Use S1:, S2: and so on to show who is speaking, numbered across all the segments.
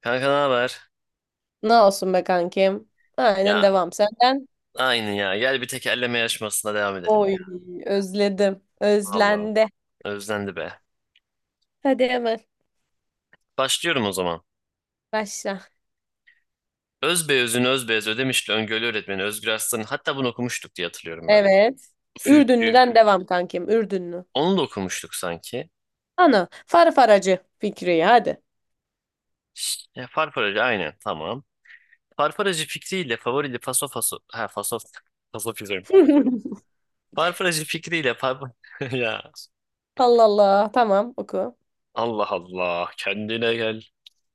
S1: Kanka ne haber?
S2: Ne olsun be kankim. Aynen
S1: Ya
S2: devam senden.
S1: aynı ya. Gel bir tekerleme yarışmasına devam edelim
S2: Oy
S1: ya.
S2: özledim.
S1: Allah
S2: Özlendi.
S1: özlendi be.
S2: Hadi hemen
S1: Başlıyorum o zaman.
S2: başla.
S1: Özbeöz'ün Özbeöz Ödemişli Öngörü Öğretmeni Özgür Aslan'ın, hatta bunu okumuştuk diye hatırlıyorum ben.
S2: Evet.
S1: Üfürükçü.
S2: Ürdünlü'den devam kankim. Ürdünlü.
S1: Onu da okumuştuk sanki.
S2: Ana. Farfaracı Fikriye hadi.
S1: Farfaracı aynen tamam. Farfaracı fikriyle favorili faso faso. Ha faso. Faso Farfaracı fikriyle par... ya
S2: Allah Allah. Tamam oku.
S1: Allah Allah kendine gel.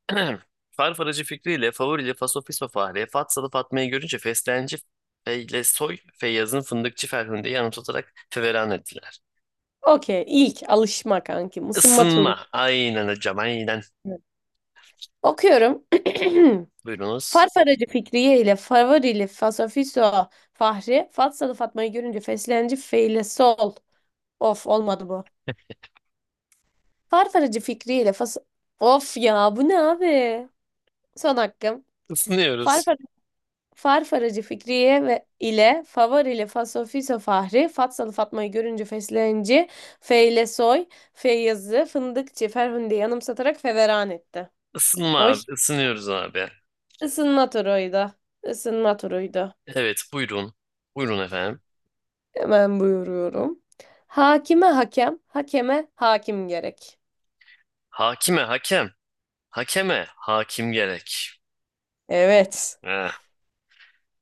S1: Farfaracı Fikri ile Favori Fasofisfa Fahriye Fat Salı Fatma'yı görünce Feslenci Feylesoy Feyyaz'ın Fındıkçı Ferhunde'yi anımsatarak feveran ettiler.
S2: Okey. İlk alışma kankim. Isınma turlu.
S1: Isınma. Aynen hocam aynen.
S2: Okuyorum.
S1: Buyurunuz.
S2: Farfaracı Fikriye ile Favorili Fasofiso Fahri Fatsalı Fatma'yı görünce feslenci feyle sol. Of olmadı bu. Farfaracı fikriyle fas... Of ya bu ne abi? Son hakkım.
S1: Isınıyoruz.
S2: Farfar Farfaracı Fikriye ve ile Favar ile Fasofiso Fahri Fatsalı Fatma'yı görünce feslenci Feylesoy Feyyazı Fındıkçı Ferhunde yanımsatarak feveran etti.
S1: Isınma
S2: Oy.
S1: abi, isınıyoruz abi.
S2: Isınma turuydu. Isınma turuydu.
S1: Evet, buyurun. Buyurun efendim.
S2: Hemen buyuruyorum. Hakime hakem, hakeme hakim gerek.
S1: Hakime hakem. Hakeme hakim gerek.
S2: Evet.
S1: Eh.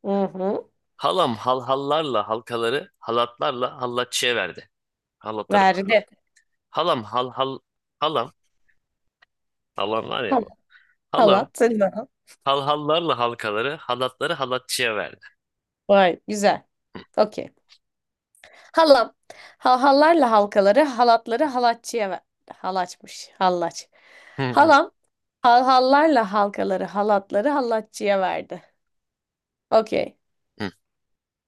S2: Hı hı.
S1: Halam halhallarla halkaları halatlarla hallatçıya verdi. Halatları pardon.
S2: Verdi.
S1: Halam hal hal halam halam var ya
S2: Tamam.
S1: bu. Halam
S2: Halat. Sen de al.
S1: halhallarla halkaları, halatları halatçıya verdi.
S2: Vay güzel. Okey. Halam. Ha- hallarla halkaları, halatları halatçıya ver. Halaçmış. Hallaç.
S1: Hı hı
S2: Halam. Hal hallarla halkaları, halatları halatçıya verdi. Okey.
S1: hı.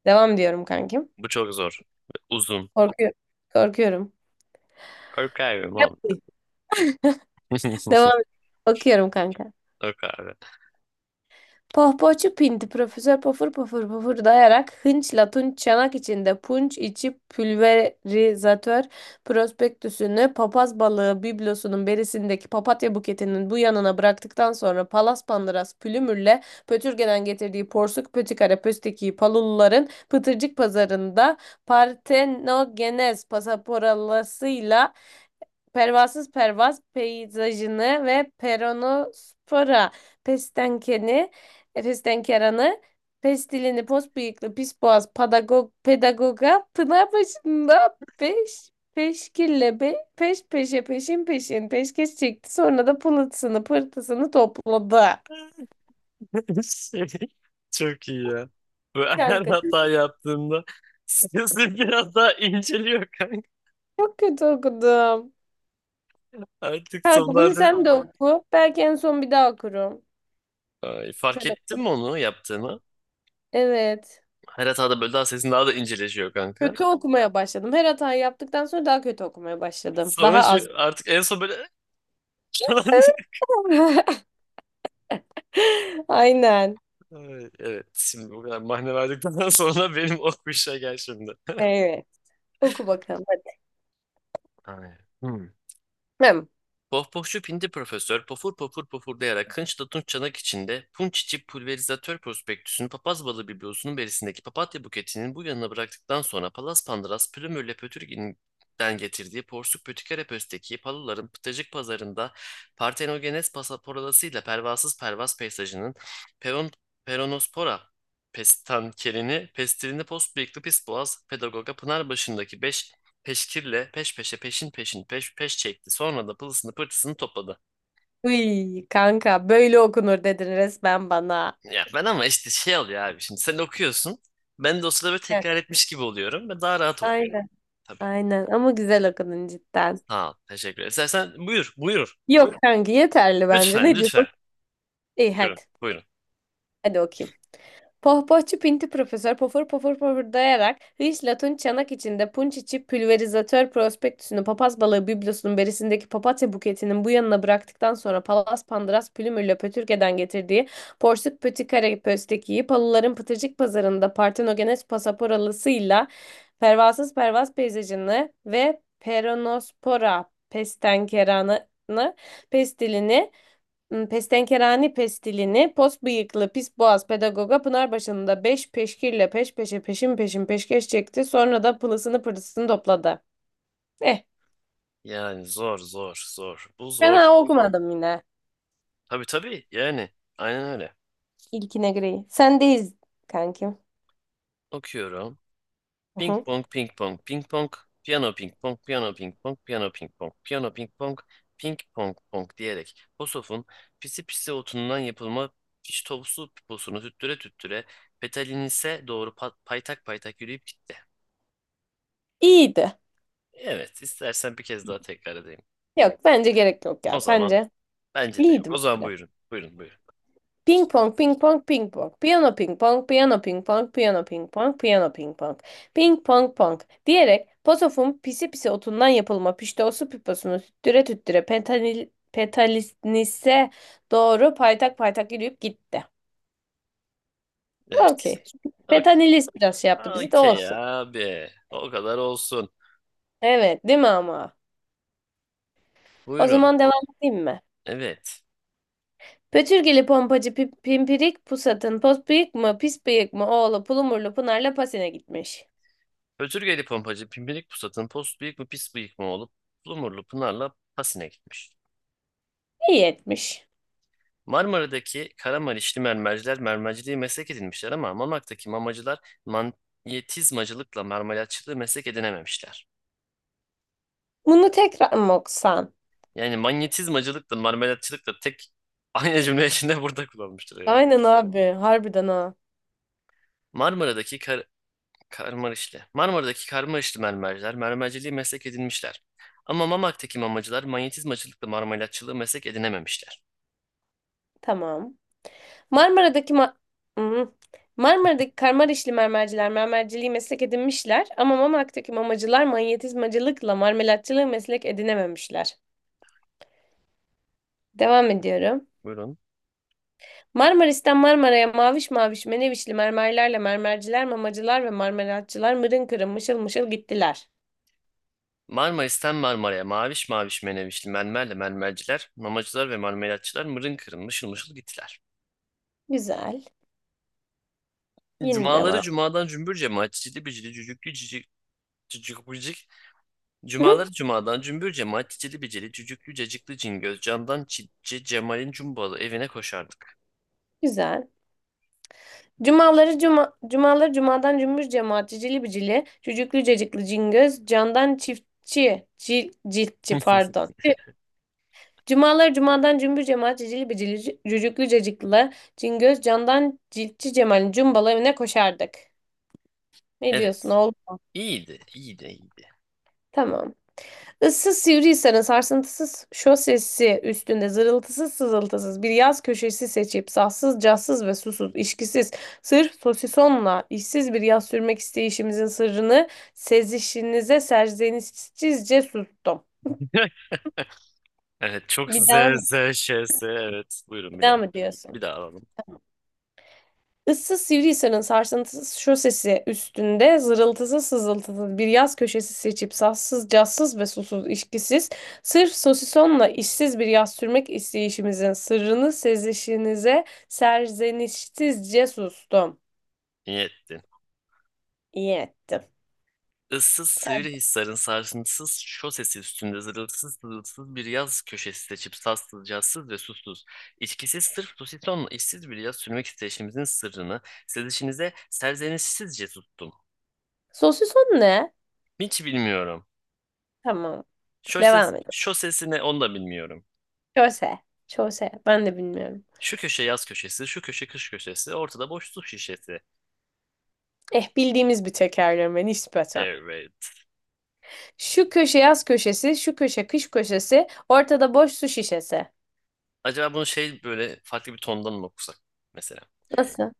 S2: Devam diyorum kankim.
S1: Bu çok zor. Uzun.
S2: Korkuyorum. Korkuyorum.
S1: Kork abi
S2: Yap.
S1: mom.
S2: Devam. Okuyorum kanka.
S1: Kork abi.
S2: Pohpohçu Pinti Profesör pofur pofur pofur dayarak hınçla tunç çanak içinde punç içi pülverizatör prospektüsünü papaz balığı biblosunun berisindeki papatya buketinin bu yanına bıraktıktan sonra palas pandıras pülümürle Pötürge'den getirdiği porsuk pötikara pöstekiyi paluluların pıtırcık pazarında partenogenez pasaporalasıyla pervasız pervaz peyzajını ve peronospora pestenkeni, pestenkeranı, pestilini, pos bıyıklı, pis boğaz, pedagog, pedagoga, pınar başında peş, peşkille, be, peş peşe, peşin peşin, peşkeş çekti. Sonra da pılısını, pırtısını topladı.
S1: Çok iyi ya. Bu her
S2: Kanka
S1: hata yaptığımda sesim biraz daha inceliyor kanka.
S2: çok kötü okudum.
S1: Artık
S2: Kanka bunu
S1: sonlarda
S2: sen de oku. Belki en son bir daha okurum.
S1: ay, fark
S2: Sen
S1: ettin
S2: oku.
S1: mi onu yaptığını?
S2: Evet.
S1: Her hatada böyle daha sesin daha da inceleşiyor kanka.
S2: Kötü okumaya başladım. Her hatayı yaptıktan sonra daha kötü okumaya başladım.
S1: Sonra
S2: Daha
S1: şu
S2: az.
S1: artık en son böyle falan diyor.
S2: Aynen.
S1: Ay, evet, şimdi bu kadar mahne verdikten sonra benim o kuşa gel şimdi.
S2: Evet. Oku bakalım. Hadi.
S1: Aynen. Hmm.
S2: Hem.
S1: Pohpohçu Pindi Profesör pofur pofur pofurlayarak kınçla tunç çanak içinde punç içi pulverizatör prospektüsünün papaz balı biblosunun berisindeki papatya buketinin bu yanına bıraktıktan sonra Palas Pandıras Plümürle Pötürgin'den getirdiği porsuk pötükere pösteki paluların pıtacık pazarında partenogenes pasaporalasıyla pervasız pervas peysajının peron, peronospora pestankerini, pestilini post boğaz pedagoga Pınarbaşı'ndaki 5 peşkirle peş peşe peşin peşin peş peş çekti. Sonra da pılısını pırtısını topladı.
S2: Uy, kanka böyle okunur dedin resmen bana.
S1: Ya ben ama işte şey oluyor abi, şimdi sen okuyorsun. Ben de o sırada böyle
S2: Heh,
S1: tekrar etmiş gibi oluyorum ve daha rahat okuyorum.
S2: aynen.
S1: Tabii.
S2: Aynen ama güzel okudun cidden.
S1: Sağ ol. Teşekkür ederim. İstersen buyur buyur.
S2: Yok kanka yeterli bence.
S1: Lütfen
S2: Ne diyorsun?
S1: lütfen.
S2: İyi hadi.
S1: Buyurun buyurun.
S2: Hadi okuyayım. Pohpohçu Pinti Profesör pofur pofur pofurdayarak Hıyş Latun çanak içinde punç içi pülverizatör prospektüsünü papaz balığı biblosunun berisindeki papatya buketinin bu yanına bıraktıktan sonra Palas Pandıras Pülümür'le Pötürge'den getirdiği Porsuk Pötikare Pösteki'yi Palıların Pıtırcık Pazarı'nda Partenogenes Pasaporalısıyla Pervasız Pervas Peyzajını ve Peronospora Pestenkeranı Pestilini. Pestenkerani pestilini, pos bıyıklı, pis boğaz pedagoga Pınar başında beş peşkirle peş peşe peşin peşin peşkeş çekti. Sonra da pılısını pırtısını topladı. Eh,
S1: Yani zor zor zor. Bu zor.
S2: fena okumadım yine.
S1: Tabii tabii, yani aynen öyle.
S2: İlkine göre. Sendeyiz kankim.
S1: Okuyorum.
S2: Hı
S1: Ping
S2: hı.
S1: pong, ping pong, ping pong, piyano ping pong, piyano ping pong, piyano ping pong, piyano ping pong, ping pong pong diyerek Posof'un pisi pisi otundan yapılma piştovsu piposunu tüttüre tüttüre Petalinis'e doğru paytak paytak yürüyüp gitti.
S2: İyiydi.
S1: Evet, istersen bir kez daha tekrar edeyim.
S2: Yok bence gerek yok
S1: O
S2: ya.
S1: zaman
S2: Sence?
S1: bence de yok.
S2: İyiydi
S1: O zaman
S2: bence.
S1: buyurun, buyurun, buyurun.
S2: Ping pong, ping pong, ping pong. Piyano ping pong, piyano ping pong, piyano ping pong, piyano ping pong. Ping pong pong diyerek Pozof'un pisi pisi otundan yapılma piştoğusu piposunu tüttüre tüttüre pentanil, petalinise doğru paytak paytak yürüyüp gitti.
S1: Evet,
S2: Okey.
S1: okey.
S2: Petanilis biraz şey yaptı bizi de
S1: Okey
S2: olsun.
S1: abi, o kadar olsun.
S2: Evet değil mi ama? O
S1: Buyurun,
S2: zaman devam edeyim mi?
S1: evet.
S2: Pötürgeli pompacı pip- pimpirik pusatın pos bıyık mı pis bıyık mı oğlu pulumurlu Pınar'la Pasin'e gitmiş.
S1: Özürgeli pompacı Pimpirik Pusat'ın post bıyık mı pis bıyık mı olup Lumurlu Pınar'la Pasin'e gitmiş.
S2: İyi etmiş.
S1: Marmara'daki Karamanişli mermerciler mermerciliği meslek edinmişler ama Mamak'taki mamacılar manyetizmacılıkla marmelatçılığı meslek edinememişler.
S2: Bunu tekrar mı okusan?
S1: Yani manyetizmacılıkla marmelatçılık da tek aynı cümle içinde burada kullanmıştır herhalde.
S2: Aynen abi. Harbiden ha.
S1: Marmara'daki kar Karmarişli. Marmara'daki Karmarişli mermerciler mermerciliği meslek edinmişler. Ama Mamak'taki mamacılar manyetizmacılıkla marmelatçılığı meslek edinememişler.
S2: Tamam. Marmara'daki ma Hmm. Marmara'daki karmarişli mermerciler mermerciliği meslek edinmişler ama Mamak'taki mamacılar manyetizmacılıkla marmelatçılığı meslek edinememişler. Devam ediyorum.
S1: Buyurun.
S2: Marmaris'ten Marmara'ya maviş maviş menevişli mermerlerle mermerciler, mamacılar ve marmelatçılar mırın kırın mışıl mışıl gittiler.
S1: Marmaris'ten Marmara'ya maviş maviş menevişli mermerle mermerciler, mamacılar ve marmelatçılar mırın kırın mışıl mışıl gittiler.
S2: Güzel. Yine
S1: Cumaları
S2: devam.
S1: cumadan cümbür cemaat cicili bicili cücüklü cicik cücük bicik.
S2: Hı hı,
S1: Cumaları cumadan cümbür cemaat cicili bicili cücüklü cacıklı cingöz camdan çitçi Cemal'in cumbalı evine koşardık.
S2: güzel. Cumaları cumadan cümbüş cemaat cicili bicili cücüklü cacıklı cingöz candan çiftçi ciltçi pardon. Tüh. Cumaları cumadan cümbüş cemaat cicili bicili cücüklü cacıklı cingöz candan ciltçi cemalin cumbalı evine koşardık. Ne diyorsun
S1: Evet.
S2: oğlum?
S1: İyiydi, iyiydi, iyiydi.
S2: Tamam. Issız sivriysen sarsıntısız şosesi üstünde zırıltısız sızıltısız bir yaz köşesi seçip sassız cassız ve susuz işkisiz sırf sosisonla işsiz bir yaz sürmek isteyişimizin sırrını sezişinize serzenişsizce sustum.
S1: Evet, çok
S2: Bir daha
S1: z
S2: mı?
S1: z ş s. Evet, buyurun
S2: Bir
S1: bir
S2: daha
S1: daha.
S2: mı
S1: Bir
S2: diyorsun?
S1: daha alalım.
S2: Issız Sivrihisar'ın sarsıntısız şosesi üstünde zırıltısı sızıltılı bir yaz köşesi seçip sassız, cazsız ve susuz işkisiz, sırf sosisonla işsiz bir yaz sürmek isteyişimizin sırrını sezişinize serzenişsizce sustum.
S1: İyi ettin.
S2: İyi ettim.
S1: Issız Sivrihisar'ın sarsıntısız şosesi üstünde zırılsız zırılsız bir yaz köşesi seçip sassız, cazsız ve susuz. İçkisiz sırf pusisonla işsiz bir yaz sürmek isteyişimizin sırrını sezişinize serzenişsizce tuttum.
S2: Sosison ne?
S1: Hiç bilmiyorum.
S2: Tamam. Devam
S1: Şoses,
S2: edelim.
S1: şosesi ne onu da bilmiyorum.
S2: Köse. Çose. Ben de bilmiyorum.
S1: Şu köşe yaz köşesi, şu köşe kış köşesi, ortada boş su şişesi.
S2: Eh bildiğimiz bir tekerleme nispeten.
S1: Evet.
S2: Şu köşe yaz köşesi, şu köşe kış köşesi, ortada boş su şişesi.
S1: Acaba bunu şey böyle farklı bir tondan mı okusak mesela?
S2: Nasıl?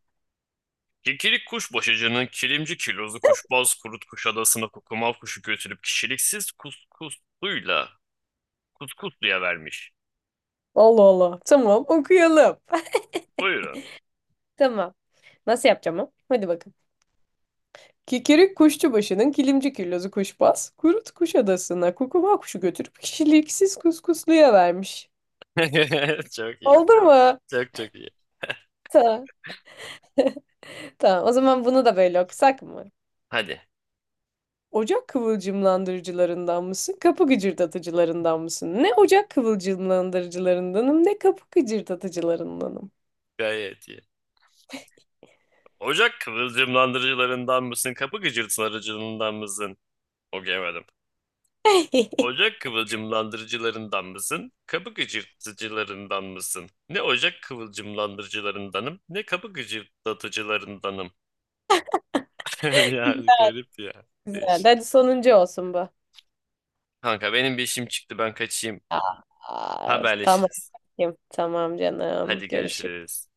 S1: Kikirik kuşbaşıcının kilimci kilozu kuşbaz kurut kuş adasına kukumav kuşu götürüp kişiliksiz kuskusluyla kuskusluya vermiş.
S2: Allah Allah. Tamam okuyalım.
S1: Buyurun.
S2: Tamam. Nasıl yapacağım o? Hadi bakın. Kikirik kuşçu başının kilimci küllozu kuşbaz, kurut kuş adasına kukuma kuşu götürüp kişiliksiz kuskusluya vermiş.
S1: Çok iyi.
S2: Oldu mu?
S1: Çok çok iyi.
S2: Tamam. Tamam. O zaman bunu da böyle okusak mı?
S1: Hadi.
S2: Ocak kıvılcımlandırıcılarından mısın? Kapı gıcırdatıcılarından mısın? Ne ocak kıvılcımlandırıcılarındanım ne kapı gıcırdatıcılarındanım.
S1: Gayet iyi. Ocak kıvılcımlandırıcılarından mısın? Kapı gıcırtılarıcılığından mısın? Okuyamadım. Ocak kıvılcımlandırıcılarından mısın? Kapı gıcırtıcılarından mısın? Ne ocak kıvılcımlandırıcılarındanım, ne kapı gıcırtıcılarındanım. Yani garip ya.
S2: Güzel.
S1: Değişik.
S2: Hadi sonuncu olsun bu.
S1: Kanka benim bir işim çıktı, ben kaçayım.
S2: Aa, tamam.
S1: Haberleşiriz.
S2: Tamam canım.
S1: Hadi
S2: Görüşürüz.
S1: görüşürüz.